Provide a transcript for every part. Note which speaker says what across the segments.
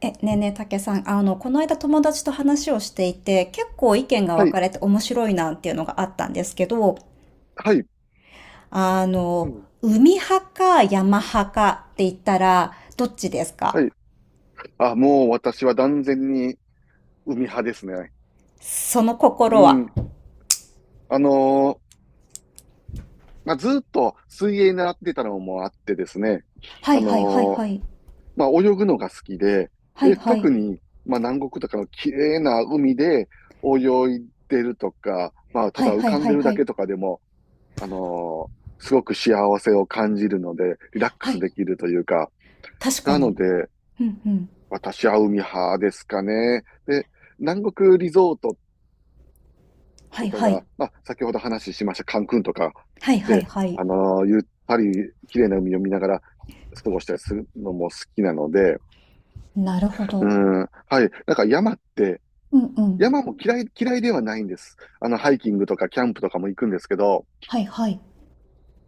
Speaker 1: ねえねえ、たけさん、この間友達と話をしていて、結構意見が
Speaker 2: は
Speaker 1: 分
Speaker 2: い、
Speaker 1: かれて面白いなっていうのがあったんですけど、
Speaker 2: はい、
Speaker 1: あ
Speaker 2: う
Speaker 1: の、
Speaker 2: ん。
Speaker 1: 海派か山派かって言ったら、どっちです
Speaker 2: は
Speaker 1: か？
Speaker 2: い。あ、もう私は断然に海派ですね。
Speaker 1: その
Speaker 2: う
Speaker 1: 心は。
Speaker 2: ん。あのーまあ、ずっと水泳習ってたのもあってですね。
Speaker 1: はい
Speaker 2: あ
Speaker 1: はいはい
Speaker 2: のー
Speaker 1: はい。
Speaker 2: まあ、泳ぐのが好きで、
Speaker 1: はい
Speaker 2: で、
Speaker 1: は
Speaker 2: 特
Speaker 1: い。
Speaker 2: に、まあ、南国とかの綺麗な海で泳いでるとか、まあ、た
Speaker 1: は
Speaker 2: だ
Speaker 1: い
Speaker 2: 浮
Speaker 1: はい
Speaker 2: かん
Speaker 1: は
Speaker 2: で
Speaker 1: い
Speaker 2: る
Speaker 1: は
Speaker 2: だ
Speaker 1: い。
Speaker 2: けとかでも、すごく幸せを感じるので、リラック
Speaker 1: は
Speaker 2: ス
Speaker 1: い。
Speaker 2: できるというか、
Speaker 1: 確か
Speaker 2: なの
Speaker 1: に。
Speaker 2: で、
Speaker 1: うんうん。
Speaker 2: 私は海派ですかね。で、南国リゾート
Speaker 1: は
Speaker 2: と
Speaker 1: い
Speaker 2: か
Speaker 1: はい。
Speaker 2: が、まあ、先ほど話しましたカンクンとか
Speaker 1: はいはい
Speaker 2: で、
Speaker 1: はい。
Speaker 2: ゆったり綺麗な海を見ながら過ごしたりするのも好きなので、
Speaker 1: なるほ
Speaker 2: う
Speaker 1: ど。
Speaker 2: ん、はい。なんか山って、
Speaker 1: うんうん。
Speaker 2: 山も嫌いではないんです。あの、ハイキングとかキャンプとかも行くんですけど、
Speaker 1: はいはい。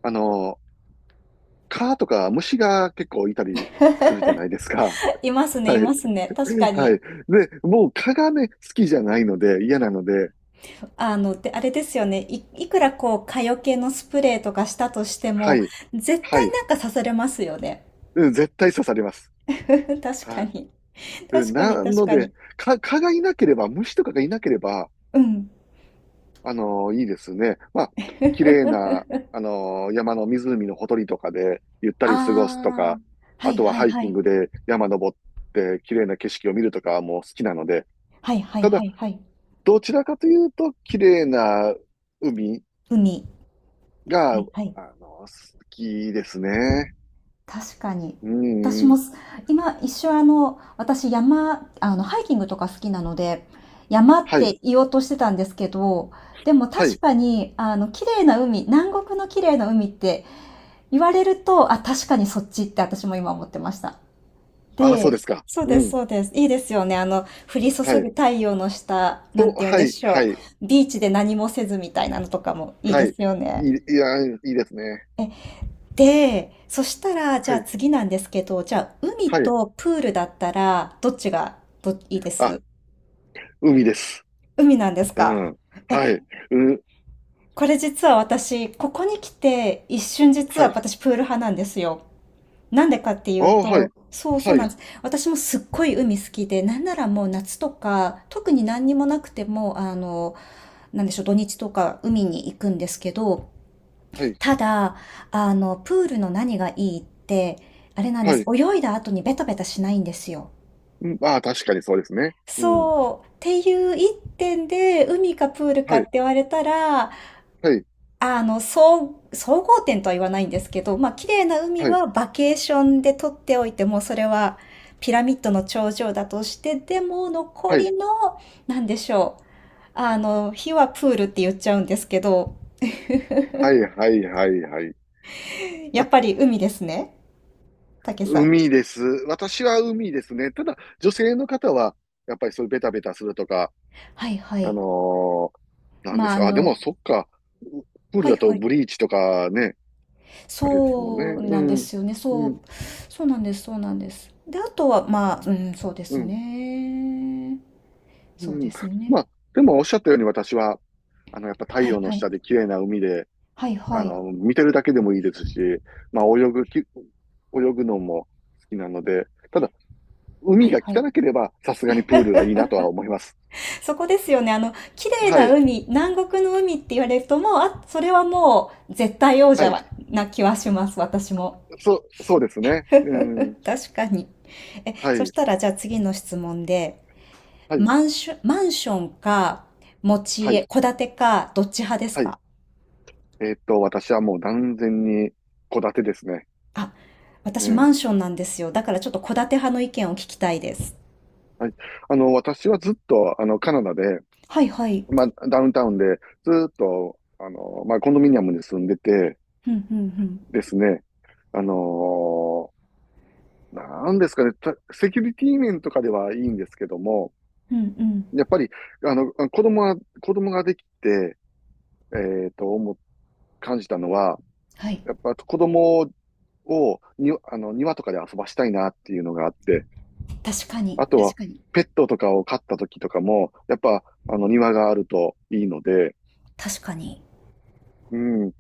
Speaker 2: あのー蚊とか虫が結構いたりするじゃないですか。
Speaker 1: いますね、
Speaker 2: は
Speaker 1: い
Speaker 2: い。
Speaker 1: ますね。確か
Speaker 2: は
Speaker 1: に。
Speaker 2: い。で、もう蚊がね、好きじゃないので、嫌なので、
Speaker 1: で、あれですよね。いくらこう、蚊よけのスプレーとかしたとして
Speaker 2: は
Speaker 1: も、
Speaker 2: い。
Speaker 1: 絶
Speaker 2: は
Speaker 1: 対
Speaker 2: い。
Speaker 1: なんか刺されますよね。
Speaker 2: うん、絶対刺されます。
Speaker 1: 確
Speaker 2: は
Speaker 1: か
Speaker 2: い。
Speaker 1: に。
Speaker 2: うん、
Speaker 1: 確かに、
Speaker 2: な
Speaker 1: 確
Speaker 2: の
Speaker 1: か
Speaker 2: で、
Speaker 1: に。
Speaker 2: 蚊がいなければ、虫とかがいなければ、
Speaker 1: うん。
Speaker 2: いいですね。まあ、綺麗な、山の湖のほとりとかで、ゆったり過ごすと
Speaker 1: ああ、
Speaker 2: か、
Speaker 1: は
Speaker 2: あ
Speaker 1: い
Speaker 2: とは
Speaker 1: はい
Speaker 2: ハイ
Speaker 1: は
Speaker 2: キン
Speaker 1: い。
Speaker 2: グで山登って、綺麗な景色を見るとかも好きなので、
Speaker 1: はいはい
Speaker 2: た
Speaker 1: は
Speaker 2: だ、
Speaker 1: いはい。
Speaker 2: どちらかというと、綺麗な海
Speaker 1: 海。
Speaker 2: が、
Speaker 1: はいはい。
Speaker 2: 好きですね。
Speaker 1: 確かに。
Speaker 2: う
Speaker 1: 私
Speaker 2: ん、う
Speaker 1: も
Speaker 2: ん。
Speaker 1: す、今一瞬ハイキングとか好きなので、山っ
Speaker 2: はい、
Speaker 1: て言おうとしてたんですけど、でも
Speaker 2: は
Speaker 1: 確
Speaker 2: い。
Speaker 1: かに、綺麗な海、南国の綺麗な海って言われると、あ、確かにそっちって私も今思ってました。
Speaker 2: ああ、そう
Speaker 1: で、
Speaker 2: ですか。
Speaker 1: そう
Speaker 2: う
Speaker 1: です、
Speaker 2: ん、
Speaker 1: そうです。いいですよね。降り注
Speaker 2: は
Speaker 1: ぐ
Speaker 2: い。
Speaker 1: 太陽の下、な
Speaker 2: そ
Speaker 1: んて
Speaker 2: う、
Speaker 1: 言うん
Speaker 2: は
Speaker 1: で
Speaker 2: い、
Speaker 1: し
Speaker 2: は
Speaker 1: ょ
Speaker 2: い、
Speaker 1: う。ビーチで何もせずみたいなのとかもいい
Speaker 2: は
Speaker 1: で
Speaker 2: い。い
Speaker 1: すよ
Speaker 2: い、
Speaker 1: ね。
Speaker 2: いや、いいですね。
Speaker 1: え、で、そしたら、じ
Speaker 2: は
Speaker 1: ゃあ
Speaker 2: い。
Speaker 1: 次なんですけど、じゃあ海
Speaker 2: はい。
Speaker 1: とプールだったら、どっちが、いいで
Speaker 2: あ、
Speaker 1: す、
Speaker 2: 海です。
Speaker 1: 海なんです
Speaker 2: う
Speaker 1: か？
Speaker 2: ん。はい。
Speaker 1: え、
Speaker 2: うん。
Speaker 1: これ実は私、ここに来て、一瞬実
Speaker 2: は
Speaker 1: は
Speaker 2: い。
Speaker 1: 私プール派なんですよ。なんでかってい
Speaker 2: あ
Speaker 1: う
Speaker 2: あ、は
Speaker 1: と、
Speaker 2: い。
Speaker 1: そうそう
Speaker 2: は
Speaker 1: なん
Speaker 2: い。
Speaker 1: です。私もすっごい海好きで、なんならもう夏とか、特に何にもなくても、なんでしょう、土日とか海に行くんですけど、
Speaker 2: はい。
Speaker 1: ただ、プールの何がいいって、あれなんで
Speaker 2: は
Speaker 1: す。
Speaker 2: い。
Speaker 1: 泳いだ後にベタベタしないんですよ。
Speaker 2: うん。ああ、確かにそうですね。うん。
Speaker 1: そう。っていう一点で、海かプール
Speaker 2: は
Speaker 1: かっ
Speaker 2: い。
Speaker 1: て言われたら、
Speaker 2: はい。
Speaker 1: 総合点とは言わないんですけど、まあ、綺麗な海
Speaker 2: はい。
Speaker 1: はバケーションで撮っておいても、それはピラミッドの頂上だとして、でも残
Speaker 2: はい。
Speaker 1: りの、なんでしょう。火はプールって言っちゃうんですけど、
Speaker 2: はい。はい。はい。はい。
Speaker 1: やっ
Speaker 2: あ、
Speaker 1: ぱり海ですね。竹さん。
Speaker 2: 海です。私は海ですね。ただ、女性の方は、やっぱりそういうベタベタするとか、
Speaker 1: はいは
Speaker 2: あ
Speaker 1: い。
Speaker 2: のなんで
Speaker 1: まあ、
Speaker 2: すか。あ、でも、そっか。うプー
Speaker 1: は
Speaker 2: ル
Speaker 1: い
Speaker 2: だと
Speaker 1: はい。
Speaker 2: ブリーチとかね、あれですもんね。
Speaker 1: そう
Speaker 2: う
Speaker 1: なんで
Speaker 2: ん。
Speaker 1: すよね。そ
Speaker 2: う
Speaker 1: う、
Speaker 2: ん。
Speaker 1: そうなんです、そうなんです。で、あとは、まあ、うん、そうで
Speaker 2: う
Speaker 1: す
Speaker 2: ん。
Speaker 1: ね。そ
Speaker 2: う
Speaker 1: うで
Speaker 2: ん。
Speaker 1: すね。
Speaker 2: まあ、でもおっしゃったように私は、あの、やっぱ太
Speaker 1: はい
Speaker 2: 陽の
Speaker 1: はい。
Speaker 2: 下で綺麗な海で、
Speaker 1: はいは
Speaker 2: あ
Speaker 1: い。
Speaker 2: の、見てるだけでもいいですし、まあ、泳ぐのも好きなので、ただ、
Speaker 1: は
Speaker 2: 海
Speaker 1: い
Speaker 2: が
Speaker 1: はい。
Speaker 2: 汚ければ、さすがにプールがいいなとは思います。
Speaker 1: そこですよね。綺麗
Speaker 2: は
Speaker 1: な
Speaker 2: い、
Speaker 1: 海、南国の海って言われるともう、あ、それはもう絶対王
Speaker 2: はい。
Speaker 1: 者な気はします、私も。
Speaker 2: そう、そうですね。うん。
Speaker 1: 確かに。
Speaker 2: は
Speaker 1: そし
Speaker 2: い、
Speaker 1: たらじゃあ次の質問で、
Speaker 2: はい、
Speaker 1: マンションか、持ち
Speaker 2: はい、
Speaker 1: 家、戸建てか、どっち派です
Speaker 2: はい。
Speaker 1: か
Speaker 2: 私はもう断然に戸建てですね。
Speaker 1: あ、
Speaker 2: う
Speaker 1: 私マ
Speaker 2: ん。
Speaker 1: ンションなんですよ。だからちょっと戸建て派の意見を聞きたいです。
Speaker 2: はい。あの、私はずっと、あの、カナダで、
Speaker 1: はいはい。
Speaker 2: まあ、ダウンタウンで、ずーっと、あの、まあ、コンドミニアムに住んでて
Speaker 1: うんうんうん。
Speaker 2: ですね、あのーなんですかね、セキュリティ面とかではいいんですけども、
Speaker 1: うんうん。
Speaker 2: やっぱり、あの、子供ができて、えっと、思う感じたのは、
Speaker 1: はい。
Speaker 2: やっぱ子供に、あの、庭とかで遊ばしたいなっていうのがあって、
Speaker 1: 確かに。
Speaker 2: あと
Speaker 1: 確
Speaker 2: は、
Speaker 1: かに。
Speaker 2: ペットとかを飼った時とかも、やっぱ、あの、庭があるといいので、
Speaker 1: 確かに。
Speaker 2: うん、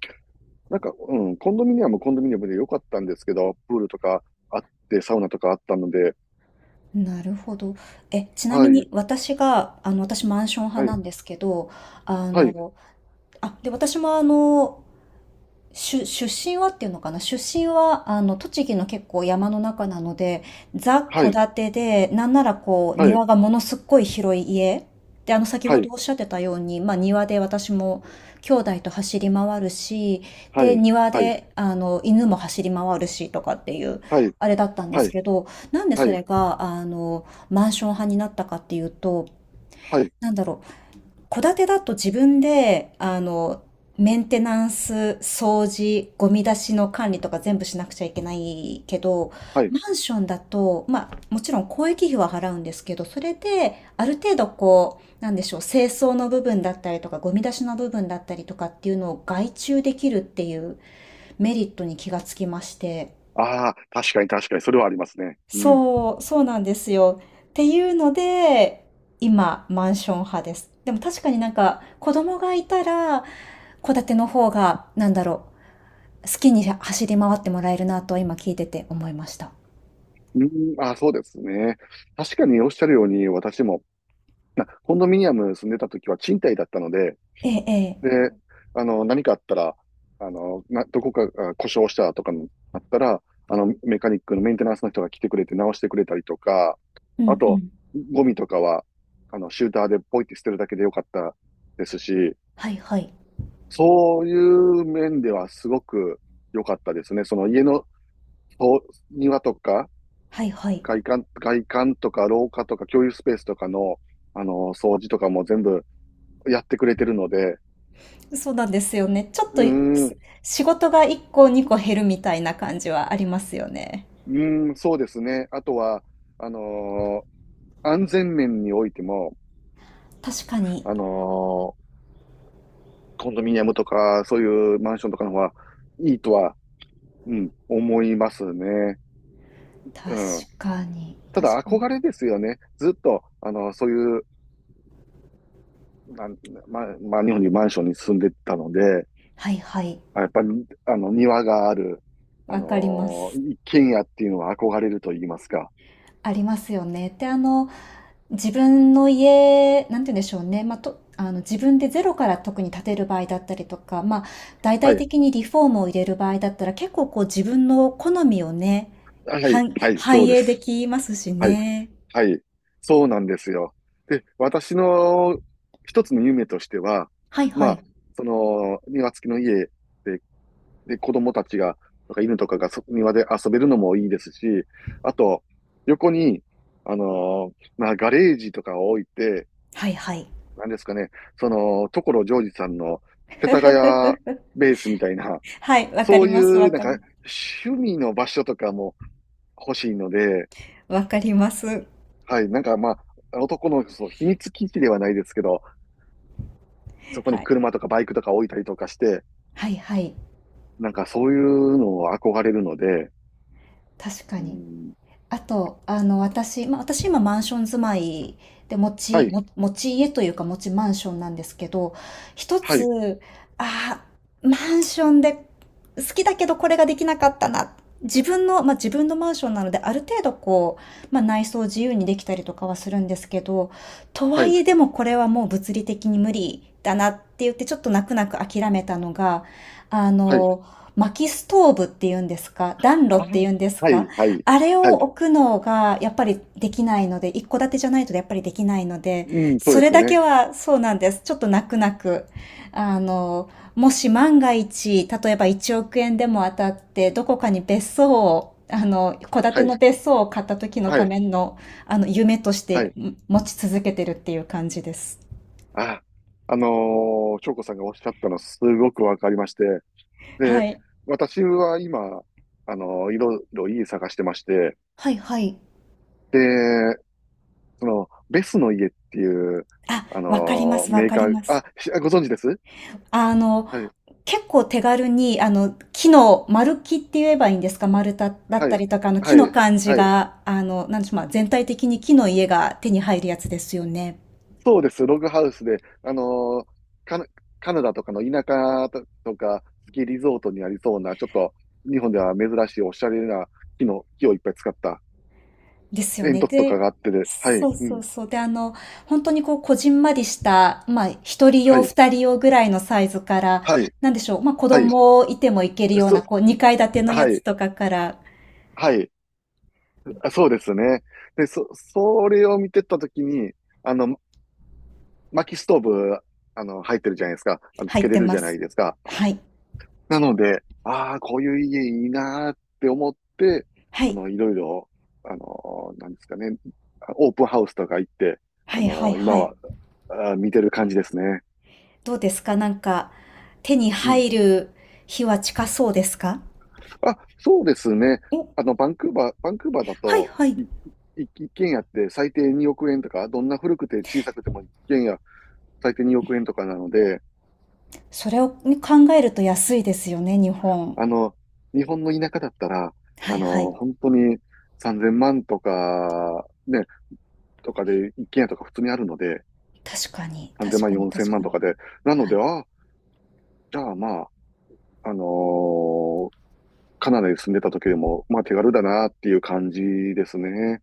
Speaker 2: なんか、うん、コンドミニアムで良かったんですけど、プールとかあって、サウナとかあったので、
Speaker 1: なるほど。ちな
Speaker 2: は
Speaker 1: み
Speaker 2: い、
Speaker 1: に私が、私マンション派
Speaker 2: は
Speaker 1: な
Speaker 2: い、
Speaker 1: んですけど、あ
Speaker 2: はい、
Speaker 1: の、あ、で、私も出身はっていうのかな、出身は、栃木の結構山の中なので、ザ・
Speaker 2: は
Speaker 1: 戸
Speaker 2: い、
Speaker 1: 建てで、なんならこう、
Speaker 2: はい、
Speaker 1: 庭がものすっごい広い家。で、先
Speaker 2: は
Speaker 1: ほど
Speaker 2: い、
Speaker 1: おっしゃってたように、まあ、庭で私も兄弟と走り回るし、
Speaker 2: は
Speaker 1: で、
Speaker 2: い、
Speaker 1: 庭
Speaker 2: はい、
Speaker 1: で、犬も走り回るし、とかっていう、
Speaker 2: はい、
Speaker 1: あれだったんで
Speaker 2: は
Speaker 1: す
Speaker 2: い、
Speaker 1: けど、なんで
Speaker 2: は
Speaker 1: そ
Speaker 2: い、
Speaker 1: れが、マンション派になったかっていうと、
Speaker 2: はい、
Speaker 1: なんだろう、戸建てだと自分で、メンテナンス、掃除、ゴミ出しの管理とか全部しなくちゃいけないけど、
Speaker 2: はい。
Speaker 1: マンションだと、まあ、もちろん公益費は払うんですけど、それで、ある程度こう、なんでしょう、清掃の部分だったりとか、ゴミ出しの部分だったりとかっていうのを外注できるっていうメリットに気がつきまして、
Speaker 2: ああ、確かに確かに、それはありますね。うん。
Speaker 1: そう、そうなんですよ。っていうので、今、マンション派です。でも確かになんか、子供がいたら、戸建ての方が、なんだろう、好きに走り回ってもらえるなと今聞いてて思いました。
Speaker 2: うん、ああ、そうですね。確かにおっしゃるように、私も、コンドミニアム住んでた時は賃貸だったので、
Speaker 1: ええ、ええ。
Speaker 2: で、あの、何かあったら、あの、どこかが故障したとかにあったら、あの、メカニックのメンテナンスの人が来てくれて直してくれたりとか、
Speaker 1: う
Speaker 2: あ
Speaker 1: んう
Speaker 2: と、
Speaker 1: ん。
Speaker 2: ゴミとかは、あの、シューターでポイって捨てるだけでよかったですし、
Speaker 1: はいはい。
Speaker 2: そういう面ではすごく良かったですね。その家のそう庭とか、
Speaker 1: はいはい。
Speaker 2: 外観とか廊下とか共有スペースとかの、あの、掃除とかも全部やってくれてるので、
Speaker 1: そうなんですよね。ちょっ
Speaker 2: うー
Speaker 1: と、
Speaker 2: ん、
Speaker 1: す仕事が1個2個減るみたいな感じはありますよね。
Speaker 2: うーん、そうですね。あとは、あのー安全面においても、
Speaker 1: 確かに。
Speaker 2: あのーコンドミニアムとか、そういうマンションとかの方がいいとは、うん、思いますね。うん。
Speaker 1: 確かに。
Speaker 2: た
Speaker 1: 確か
Speaker 2: だ、
Speaker 1: に。
Speaker 2: 憧れですよね。ずっと、あのそういう、なん、ま、まあ、日本にマンションに住んでたので、
Speaker 1: はいはい。
Speaker 2: やっぱり、あの、庭がある、
Speaker 1: わかります。
Speaker 2: 一軒家っていうのは憧れると言いますか。
Speaker 1: ありますよね。で、自分の家、なんて言うんでしょうね。まあ、自分でゼロから特に建てる場合だったりとか、まあ、大
Speaker 2: は
Speaker 1: 々
Speaker 2: い。
Speaker 1: 的にリフォームを入れる場合だったら、結構こう自分の好みをね、
Speaker 2: はい。はい。そ
Speaker 1: 反
Speaker 2: うで
Speaker 1: 映で
Speaker 2: す。
Speaker 1: きますし
Speaker 2: はい。
Speaker 1: ね。
Speaker 2: はい。そうなんですよ。で、私の一つの夢としては、
Speaker 1: はいは
Speaker 2: ま
Speaker 1: い。
Speaker 2: あ、その、庭付きの家で、で、子供たちが、とか犬とかが庭で遊べるのもいいですし、あと、横に、まあ、ガレージとかを置いて、
Speaker 1: はいはい。
Speaker 2: なんですかね、その、所ジョージさんの世田谷 ベースみたいな、
Speaker 1: はい、わか
Speaker 2: そ
Speaker 1: り
Speaker 2: うい
Speaker 1: ます、
Speaker 2: う、なんか、趣味の場所とかも欲しいので、
Speaker 1: わかります。
Speaker 2: はい。なんかまあ、男の秘密基地ではないですけど、そこ
Speaker 1: は
Speaker 2: に
Speaker 1: い。
Speaker 2: 車とかバイクとか置いたりとかして、
Speaker 1: はいはい。
Speaker 2: なんかそういうのを憧れるので、
Speaker 1: 確か
Speaker 2: う
Speaker 1: に。
Speaker 2: ん、
Speaker 1: あと、私、まあ、私今マンション住まいで、
Speaker 2: はい、
Speaker 1: も持ち家というか持ちマンションなんですけど、一
Speaker 2: はい、
Speaker 1: つ、あマンションで好きだけどこれができなかったな。自分の、まあ、自分のマンションなので、ある程度こう、まあ、内装自由にできたりとかはするんですけど、と
Speaker 2: は
Speaker 1: はい
Speaker 2: い、
Speaker 1: えでもこれはもう物理的に無理だなって言ってちょっと泣く泣く諦めたのが、あ
Speaker 2: はい、
Speaker 1: の、薪ストーブっていうんですか、暖炉
Speaker 2: あ、は
Speaker 1: っ
Speaker 2: い、
Speaker 1: ていうんですか、
Speaker 2: はい、
Speaker 1: あれを
Speaker 2: はい、
Speaker 1: 置くのがやっぱりできないので、一戸建てじゃないとやっぱりできないので、
Speaker 2: うん、そう
Speaker 1: そ
Speaker 2: で
Speaker 1: れ
Speaker 2: す
Speaker 1: だけ
Speaker 2: ね。
Speaker 1: はそうなんです。ちょっと泣く泣く。あの、もし万が一、例えば1億円でも当たって、どこかに別荘を、戸建て
Speaker 2: は
Speaker 1: の
Speaker 2: い、
Speaker 1: 別荘を買った時の
Speaker 2: は
Speaker 1: た
Speaker 2: い、
Speaker 1: めの、夢とし
Speaker 2: は
Speaker 1: て
Speaker 2: い、
Speaker 1: ん持ち続けてるっていう感じです。
Speaker 2: あ、あの翔子さんがおっしゃったのすごくわかりまして、
Speaker 1: は
Speaker 2: で、
Speaker 1: い。
Speaker 2: 私は今、いろいろ家探してまして、
Speaker 1: はいはい。
Speaker 2: で、その、ベスの家っていう、
Speaker 1: あ、わかります、わ
Speaker 2: メー
Speaker 1: か
Speaker 2: カ
Speaker 1: り
Speaker 2: ー、
Speaker 1: ます。
Speaker 2: あ、ご存知です
Speaker 1: あの、
Speaker 2: はい、
Speaker 1: 結構手軽に、木の、丸木って言えばいいんですか、丸太だっ
Speaker 2: は
Speaker 1: た
Speaker 2: い、
Speaker 1: りとか、木
Speaker 2: は
Speaker 1: の
Speaker 2: い、
Speaker 1: 感じ
Speaker 2: はい。
Speaker 1: が、なんでしょう、まあ、全体的に木の家が手に入るやつですよね。
Speaker 2: そうです、ログハウスで、カナ、カナダとかの田舎とか、スキーリゾートにありそうな、ちょっと、日本では珍しいおしゃれな木をいっぱい使った
Speaker 1: ですよ
Speaker 2: 煙
Speaker 1: ね。
Speaker 2: 突とか
Speaker 1: で、
Speaker 2: があってで、は
Speaker 1: そ
Speaker 2: い、
Speaker 1: う
Speaker 2: う
Speaker 1: そう
Speaker 2: ん、
Speaker 1: そう。で、本当にこう、こじんまりした、まあ、一人
Speaker 2: は
Speaker 1: 用、
Speaker 2: い、
Speaker 1: 二人用ぐらいのサイズから、
Speaker 2: はい、
Speaker 1: なんでしょう、まあ、子
Speaker 2: はい、
Speaker 1: 供いてもいけるような、
Speaker 2: そ、
Speaker 1: こう、二階建てのや
Speaker 2: は
Speaker 1: つ
Speaker 2: い、
Speaker 1: とかから
Speaker 2: はい、そうですね。で、それを見てたときに、あの、薪ストーブ、あの、入ってるじゃないですか。あの、つ
Speaker 1: 入
Speaker 2: け
Speaker 1: っ
Speaker 2: れ
Speaker 1: て
Speaker 2: る
Speaker 1: ま
Speaker 2: じゃない
Speaker 1: す。
Speaker 2: ですか。
Speaker 1: はい。
Speaker 2: なので、ああ、こういう家いいなーって思って、
Speaker 1: は
Speaker 2: あ
Speaker 1: い。
Speaker 2: の、いろいろ、あの、なんですかね、オープンハウスとか行って、
Speaker 1: は
Speaker 2: あ
Speaker 1: い、はい、
Speaker 2: の、今
Speaker 1: はい。
Speaker 2: は、見てる感じですね。
Speaker 1: どうですかなんか、手に
Speaker 2: うん。
Speaker 1: 入る日は近そうですか
Speaker 2: あ、そうですね。
Speaker 1: お、
Speaker 2: あの、バンクーバーだ
Speaker 1: はい
Speaker 2: と、
Speaker 1: はい。
Speaker 2: いい一軒家って最低2億円とか、どんな古くて小さくても一軒家最低2億円とかなので、
Speaker 1: それを考えると安いですよね、日本。
Speaker 2: あの、日本の田舎だったら、
Speaker 1: はい
Speaker 2: あ
Speaker 1: は
Speaker 2: の、
Speaker 1: い。
Speaker 2: 本当に3000万とか、ね、とかで、一軒家とか普通にあるので、
Speaker 1: 確かに、
Speaker 2: 3000
Speaker 1: 確
Speaker 2: 万、
Speaker 1: かに、
Speaker 2: 4000
Speaker 1: 確
Speaker 2: 万
Speaker 1: か
Speaker 2: と
Speaker 1: に。
Speaker 2: かで。なの
Speaker 1: は
Speaker 2: で、
Speaker 1: い。
Speaker 2: あ、じゃあまあ、あのーカナダに住んでた時でも、まあ手軽だなっていう感じですね。